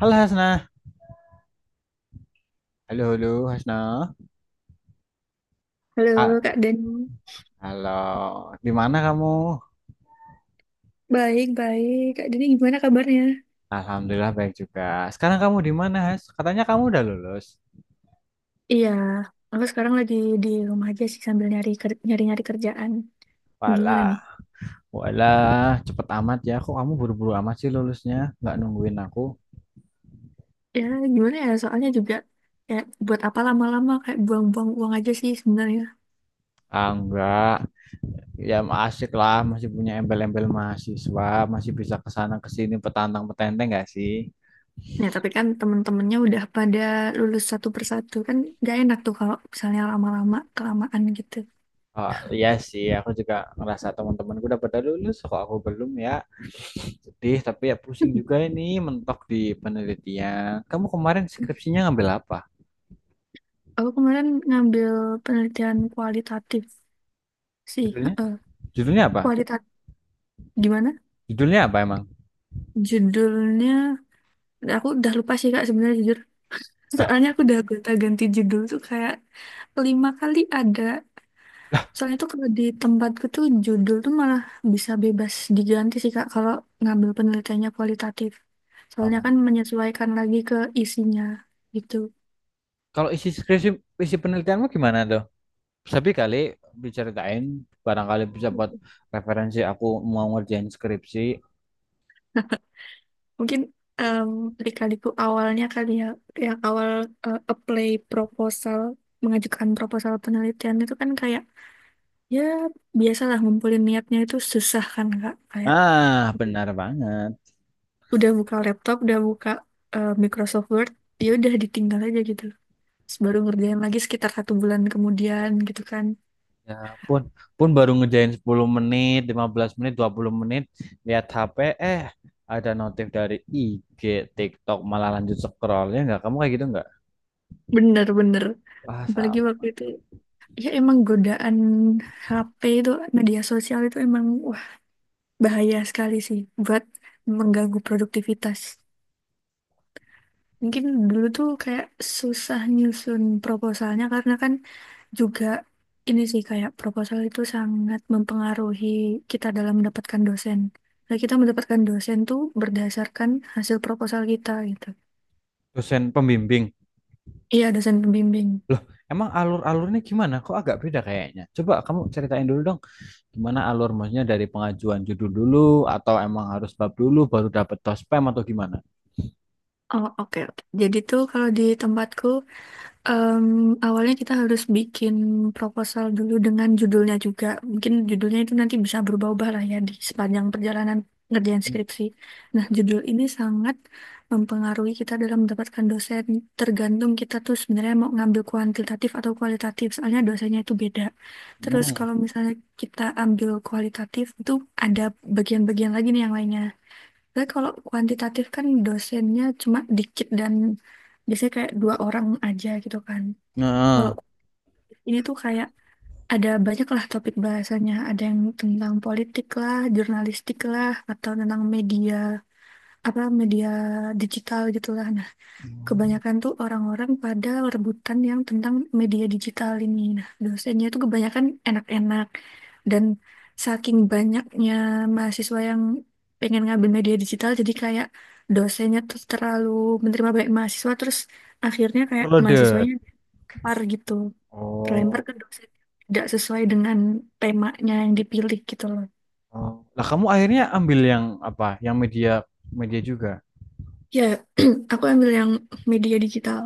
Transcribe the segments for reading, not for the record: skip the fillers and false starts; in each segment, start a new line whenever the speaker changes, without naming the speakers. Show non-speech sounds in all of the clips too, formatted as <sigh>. Halo Hasna. Halo, halo Hasna. Ah,
Halo Kak Dani,
halo. Di mana kamu?
baik-baik. Kak Dani gimana kabarnya?
Alhamdulillah baik juga. Sekarang kamu di mana, Has? Katanya kamu udah lulus.
Iya, aku sekarang lagi di rumah aja sih sambil nyari-nyari kerjaan. Gimana nih?
Walah, walah, cepet amat ya. Kok kamu buru-buru amat sih lulusnya? Nggak nungguin aku?
Ya, gimana ya? Soalnya juga kayak buat apa lama-lama, kayak buang-buang uang aja sih sebenarnya.
Ah, enggak. Ya asik lah, masih punya embel-embel mahasiswa, masih bisa kesana kesini petantang-petenteng nggak sih?
Nah, tapi kan temen-temennya udah pada lulus satu persatu. Kan gak enak tuh kalau misalnya lama-lama kelamaan gitu.
Oh, iya sih, aku juga ngerasa teman-temanku udah pada lulus, kok aku belum ya. Sedih, tapi ya pusing
<laughs>
juga ini mentok di penelitian. Kamu kemarin skripsinya ngambil apa?
Aku kemarin ngambil penelitian kualitatif sih.
Judulnya?
Heeh.
Judulnya apa?
Kualitatif gimana?
Judulnya apa emang?
Judulnya Dan aku udah lupa sih Kak sebenarnya, jujur.
Ah,
Soalnya aku udah gonta-ganti judul tuh kayak lima kali ada. Soalnya tuh kalau di tempatku tuh judul tuh malah bisa bebas diganti sih Kak kalau ngambil penelitiannya kualitatif. Soalnya
oh.
kan menyesuaikan lagi ke isinya gitu.
Kalau isi skripsi, isi penelitianmu gimana tuh? Tapi kali diceritain, barangkali bisa buat referensi aku mau ngerjain skripsi.
Mungkin em adik-adikku awalnya kali ya, yang awal, eh, apply proposal, mengajukan proposal penelitian itu kan kayak, ya, biasalah, ngumpulin niatnya itu susah kan Kak, kayak
Ah, benar banget.
udah buka laptop, udah buka, eh, Microsoft Word, ya udah ditinggal aja gitu. Terus baru ngerjain lagi sekitar satu bulan kemudian gitu kan.
Ya pun, pun baru ngerjain 10 menit, 15 menit, 20 menit, lihat HP, eh ada notif dari IG, TikTok, malah lanjut scroll. Ya nggak? Kamu kayak gitu nggak?
Bener-bener.
Wah,
Apalagi waktu itu, ya emang godaan HP itu, media sosial itu emang wah, bahaya sekali sih buat mengganggu produktivitas. Mungkin dulu tuh kayak susah nyusun proposalnya, karena kan juga ini sih kayak proposal itu sangat mempengaruhi kita dalam mendapatkan dosen. Nah, kita mendapatkan dosen tuh berdasarkan hasil proposal kita gitu.
dosen pembimbing.
Iya, dosen pembimbing.
Loh, emang alur-alurnya gimana? Kok agak beda kayaknya? Coba kamu ceritain dulu dong, gimana alur maksudnya dari pengajuan judul dulu atau emang harus bab dulu baru dapet tospem atau gimana?
Oh, oke, oke. Jadi tuh kalau di tempatku. Em, awalnya kita harus bikin proposal dulu dengan judulnya juga. Mungkin judulnya itu nanti bisa berubah-ubah lah ya di sepanjang perjalanan ngerjain skripsi. Nah, judul ini sangat mempengaruhi kita dalam mendapatkan dosen. Tergantung kita tuh sebenarnya mau ngambil kuantitatif atau kualitatif. Soalnya dosennya itu beda. Terus
Hmm.
kalau misalnya kita ambil kualitatif itu ada bagian-bagian lagi nih yang lainnya. Tapi kalau kuantitatif kan dosennya cuma dikit dan biasanya kayak dua orang aja gitu kan. Kalau
Nah,
kuliah ini tuh kayak ada banyak lah topik bahasanya. Ada yang tentang politik lah, jurnalistik lah, atau tentang media, apa, media digital gitu. Nah, kebanyakan tuh orang-orang pada rebutan yang tentang media digital ini. Nah, dosennya tuh kebanyakan enak-enak. Dan saking banyaknya mahasiswa yang pengen ngambil media digital, jadi kayak dosennya tuh terlalu menerima banyak mahasiswa, terus akhirnya kayak
overloaded.
mahasiswanya par gitu, terlempar
Oh.
ke dosen yang tidak sesuai dengan temanya yang dipilih gitu loh.
Oh. Lah kamu akhirnya ambil yang apa? Yang media media juga.
Ya, <clears throat> aku ambil yang media digital.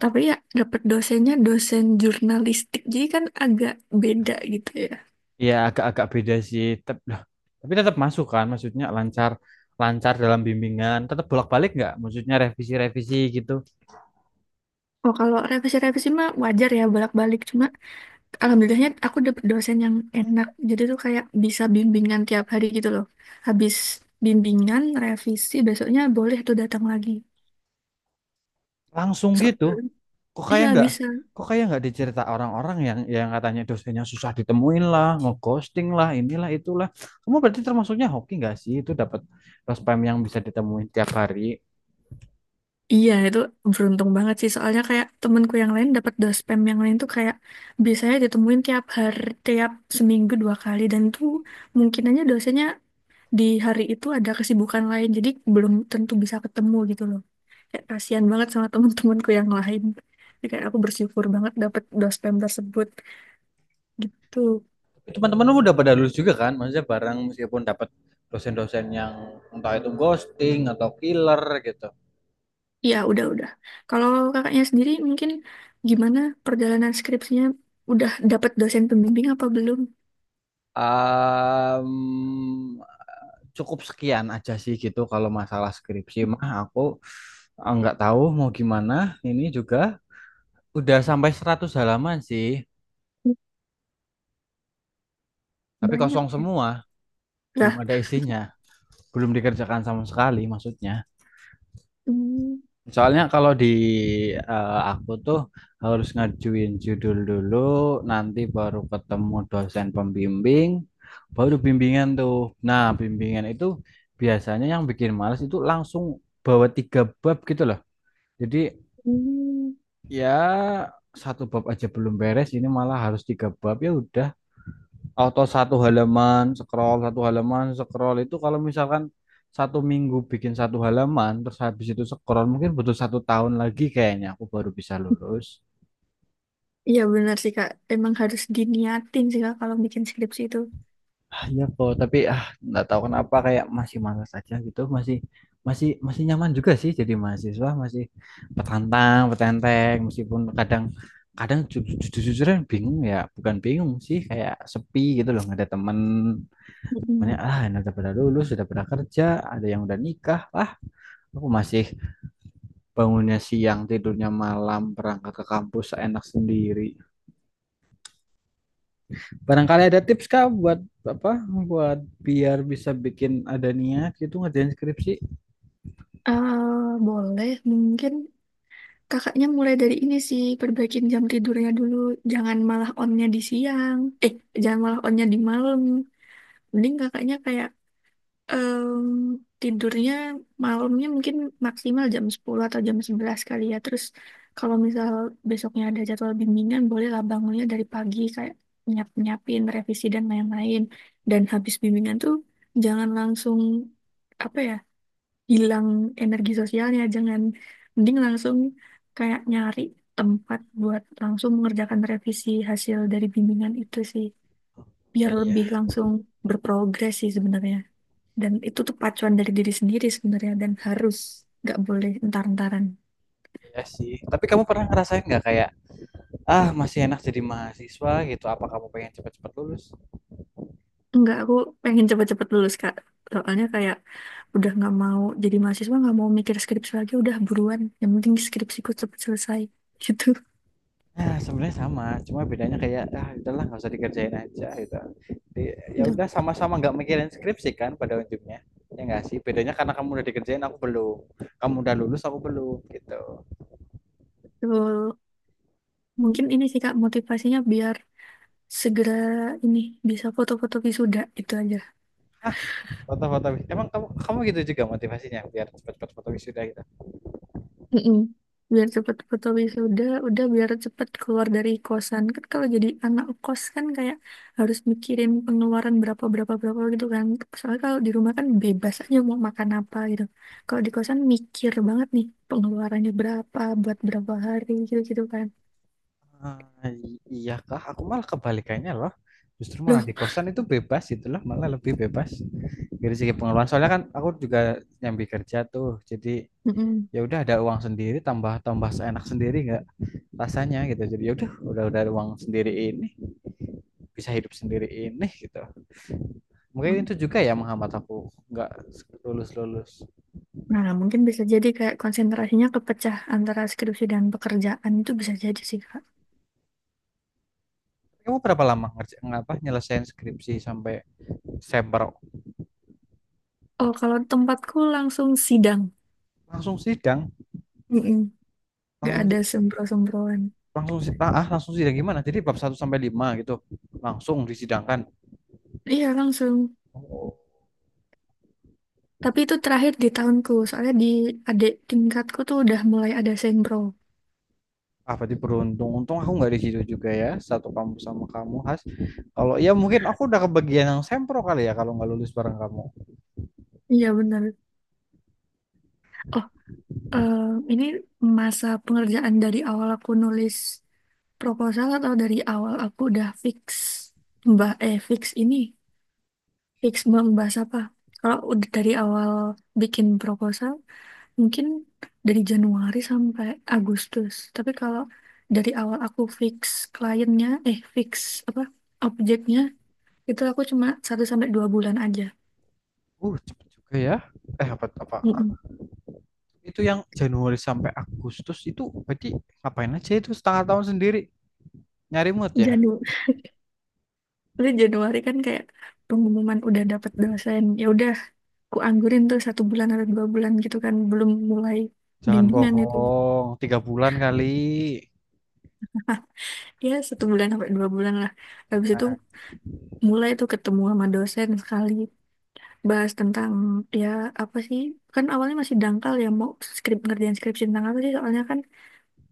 Tapi ya dapat dosennya dosen jurnalistik. Jadi kan agak beda gitu ya.
Iya, agak-agak beda sih. Lah, tapi tetap masuk kan, maksudnya lancar lancar dalam bimbingan, tetap bolak-balik nggak? Maksudnya revisi-revisi gitu.
Oh, kalau revisi-revisi mah wajar ya bolak-balik. Cuma alhamdulillahnya aku dapat dosen yang enak. Jadi tuh kayak bisa bimbingan tiap hari gitu loh. Habis bimbingan, revisi, besoknya boleh tuh datang lagi.
Langsung
So,
gitu. kok kayak
iya
nggak
bisa.
kok kayak nggak dicerita orang-orang yang katanya dosennya susah ditemuin lah, ngeghosting lah, inilah itulah. Kamu berarti termasuknya hoki nggak sih, itu dapat pas spam yang bisa ditemuin tiap hari?
Iya, itu beruntung banget sih. Soalnya kayak temenku yang lain dapat dospem yang lain tuh kayak biasanya ditemuin tiap hari, tiap seminggu dua kali, dan tuh mungkin aja dosennya di hari itu ada kesibukan lain, jadi belum tentu bisa ketemu gitu loh. Kayak kasihan banget sama temen-temenku yang lain. Jadi kayak aku bersyukur banget dapat dospem tersebut gitu.
Teman-teman lu udah pada lulus juga kan, maksudnya bareng meskipun dapat dosen-dosen yang entah itu ghosting atau killer gitu.
Iya, udah-udah. Kalau kakaknya sendiri mungkin gimana perjalanan skripsinya? Udah dapat dosen pembimbing apa belum?
Em, Cukup sekian aja sih gitu, kalau masalah skripsi mah aku eh, nggak tahu mau gimana, ini juga udah sampai 100 halaman sih, tapi
Banyak
kosong semua, belum
ya.
ada isinya, belum dikerjakan sama sekali maksudnya.
Hmm,
Soalnya kalau eh, aku tuh harus ngajuin judul dulu, nanti baru ketemu dosen pembimbing, baru bimbingan tuh. Nah, bimbingan itu biasanya yang bikin males itu langsung bawa tiga bab gitu loh. Jadi
hmm.
ya satu bab aja belum beres, ini malah harus tiga bab, ya udah. Auto satu halaman, scroll itu kalau misalkan satu minggu bikin satu halaman, terus habis itu scroll mungkin butuh satu tahun lagi kayaknya aku baru bisa lulus.
Iya benar sih Kak, emang harus diniatin sih Kak kalau bikin skripsi itu.
Ah, iya kok, tapi ah nggak tahu kenapa kayak masih malas aja gitu, masih masih masih nyaman juga sih jadi mahasiswa, masih petantang, petenteng, meskipun kadang kadang jujur-jujuran bingung ya, bukan bingung sih kayak sepi gitu loh, nggak ada temen temennya,
Mm-mm.
ah ini udah pada lulus, sudah pada kerja, ada yang udah nikah. Aku masih bangunnya siang, tidurnya malam, berangkat ke kampus enak sendiri. Barangkali ada tips kah buat apa? Buat biar bisa bikin ada niat gitu ngerjain skripsi.
Eh, boleh, mungkin kakaknya mulai dari ini sih, perbaikin jam tidurnya dulu. Jangan malah onnya di siang. Eh, jangan malah onnya di malam. Mending kakaknya kayak, Em, tidurnya, malamnya mungkin maksimal jam 10 atau jam 11 kali ya. Terus kalau misal besoknya ada jadwal bimbingan, bolehlah bangunnya dari pagi, kayak nyiap-nyiapin revisi dan lain-lain. Dan habis bimbingan tuh jangan langsung, apa ya, hilang energi sosialnya, jangan, mending langsung kayak nyari tempat buat langsung mengerjakan revisi hasil dari bimbingan itu sih.
Oh
Biar
iya,
lebih langsung berprogres sih sebenarnya. Dan itu tuh pacuan dari diri sendiri sebenarnya, dan harus, nggak boleh entar-entaran.
iya sih. Tapi kamu pernah ngerasain nggak kayak ah masih enak jadi mahasiswa gitu? Apa kamu pengen cepet-cepet lulus?
Enggak, aku pengen cepet-cepet lulus Kak. Soalnya kayak udah nggak mau jadi mahasiswa, nggak mau mikir skripsi lagi, udah buruan. Yang penting skripsiku cepet selesai. <laughs> Gitu.
Nah, sebenarnya sama, cuma bedanya kayak ah udahlah nggak usah dikerjain aja gitu. Jadi, ya udah sama-sama nggak mikirin skripsi kan pada ujungnya. Ya nggak sih? Bedanya karena kamu udah dikerjain aku belum. Kamu udah lulus aku belum gitu.
Betul. Mungkin ini sih Kak motivasinya biar segera ini bisa foto-foto wisuda itu aja.
Hah, foto-foto emang kamu kamu gitu juga motivasinya biar cepat-cepat foto wisuda gitu.
Mm-mm. Biar cepet foto wisuda, udah biar cepet keluar dari kosan. Kan kalau jadi anak kos kan kayak harus mikirin pengeluaran, berapa, berapa, berapa gitu kan. Soalnya kalau di rumah kan bebas aja mau makan apa gitu. Kalau di kosan mikir banget nih pengeluarannya berapa buat berapa hari gitu-gitu kan.
Ah, iya kah? Aku malah kebalikannya loh. Justru malah
Loh,
di kosan itu bebas gitu loh, malah lebih bebas dari segi pengeluaran. Soalnya kan aku juga nyambi kerja tuh. Jadi
mm-mm.
ya udah ada uang sendiri, tambah tambah seenak sendiri nggak rasanya gitu, jadi yaudah udah uang sendiri ini, bisa hidup sendiri ini gitu, mungkin
Mm.
itu juga ya menghambat aku nggak lulus lulus.
Nah, mungkin bisa jadi kayak konsentrasinya kepecah antara skripsi dan pekerjaan, itu bisa jadi sih, Kak.
Kamu berapa lama ngerjain, apa, nyelesain skripsi sampai September?
Oh, kalau tempatku langsung sidang.
Langsung sidang.
Mm-mm. Nggak
langsung
ada sembro-sembroan.
langsung si- ah ah, langsung sidang, gimana? Jadi bab satu sampai 5 gitu langsung disidangkan?
Iya langsung.
Oh,
Tapi itu terakhir di tahunku, soalnya di adik tingkatku tuh udah mulai ada sempro.
ah berarti beruntung, untung aku nggak di situ juga ya, satu kampus sama kamu, Has. Kalau ya mungkin aku udah kebagian yang sempro kali ya, kalau nggak lulus bareng kamu.
Iya benar. Oh, eh, ini masa pengerjaan dari awal aku nulis proposal atau dari awal aku udah fix, mbak, eh, fix ini, fix mau membahas apa? Kalau udah dari awal bikin proposal mungkin dari Januari sampai Agustus. Tapi kalau dari awal aku fix kliennya, eh, fix, apa, objeknya, itu aku cuma 1 sampai 2 bulan aja.
Cepet juga ya. Eh, apa apa,
Mm-mm.
itu yang Januari sampai Agustus itu berarti ngapain aja? Itu setengah tahun sendiri, nyari mood ya?
Janu- Terus Januari kan kayak pengumuman udah dapet dosen. Ya udah, ku anggurin tuh satu bulan atau 2 bulan gitu kan, belum mulai
Jangan
bimbingan itu.
bohong, 3 bulan kali.
Ya satu bulan sampai 2 bulan lah. Habis itu mulai tuh ketemu sama dosen sekali, bahas tentang, ya, apa sih, kan awalnya masih dangkal ya, mau ngerjain skripsi tentang apa sih. Soalnya kan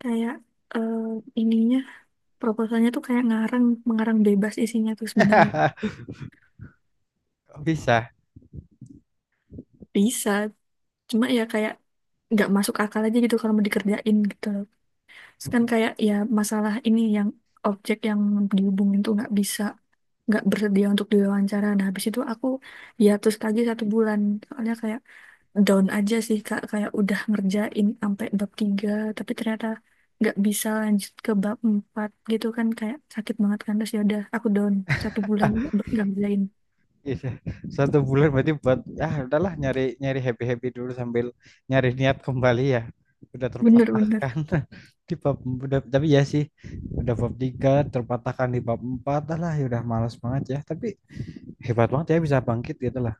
kayak, eh, ininya, proposalnya tuh kayak ngarang mengarang bebas isinya tuh sebenarnya.
<laughs> Bisa?
Bisa, cuma ya kayak nggak masuk akal aja gitu kalau mau dikerjain gitu loh. Terus kan kayak ya, masalah ini, yang objek yang dihubungin tuh nggak bisa, nggak bersedia untuk diwawancara. Nah, habis itu aku hiatus lagi satu bulan, soalnya kayak down aja sih Kak, kayak udah ngerjain sampai bab tiga tapi ternyata nggak bisa lanjut ke bab empat gitu kan, kayak sakit banget kan. Terus ya udah aku down satu bulan nggak ngerjain.
Bisa. Satu bulan berarti buat ya udahlah nyari nyari happy happy dulu sambil nyari niat kembali ya. Udah
Bener-bener
terpatahkan <laughs> di bab, udah. Tapi ya sih udah bab tiga terpatahkan di bab empat, ah lah ya udah malas banget ya. Tapi hebat banget ya bisa bangkit gitu lah.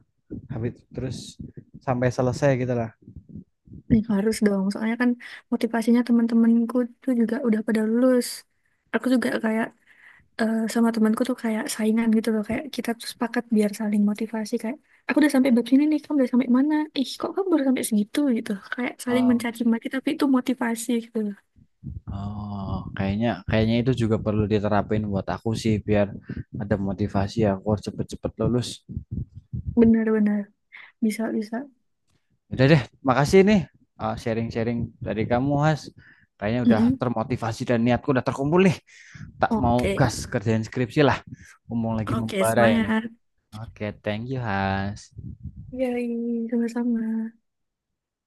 Habis terus sampai selesai gitu lah.
nih, harus dong, soalnya kan motivasinya teman-temanku tuh juga udah pada lulus. Aku juga kayak, eh, sama temanku tuh kayak saingan gitu loh, kayak kita tuh sepakat biar saling motivasi, kayak aku udah sampai bab sini nih, kamu udah sampai mana? Ih, kok kamu baru sampai segitu gitu. Kayak saling
Em,
mencaci maki tapi itu motivasi gitu loh.
Oh, kayaknya kayaknya itu juga perlu diterapin buat aku sih, biar ada motivasi aku harus cepet-cepet lulus.
Benar-benar bisa, bisa.
Udah deh, makasih nih, sharing-sharing dari kamu, Has. Kayaknya udah
Mm-mm.
termotivasi dan niatku udah terkumpul nih. Tak mau
Oke.
gas kerjain skripsi lah. Ngomong lagi
Oke,
membara ini.
semangat.
Oke, thank you, Has.
Yay, sama-sama.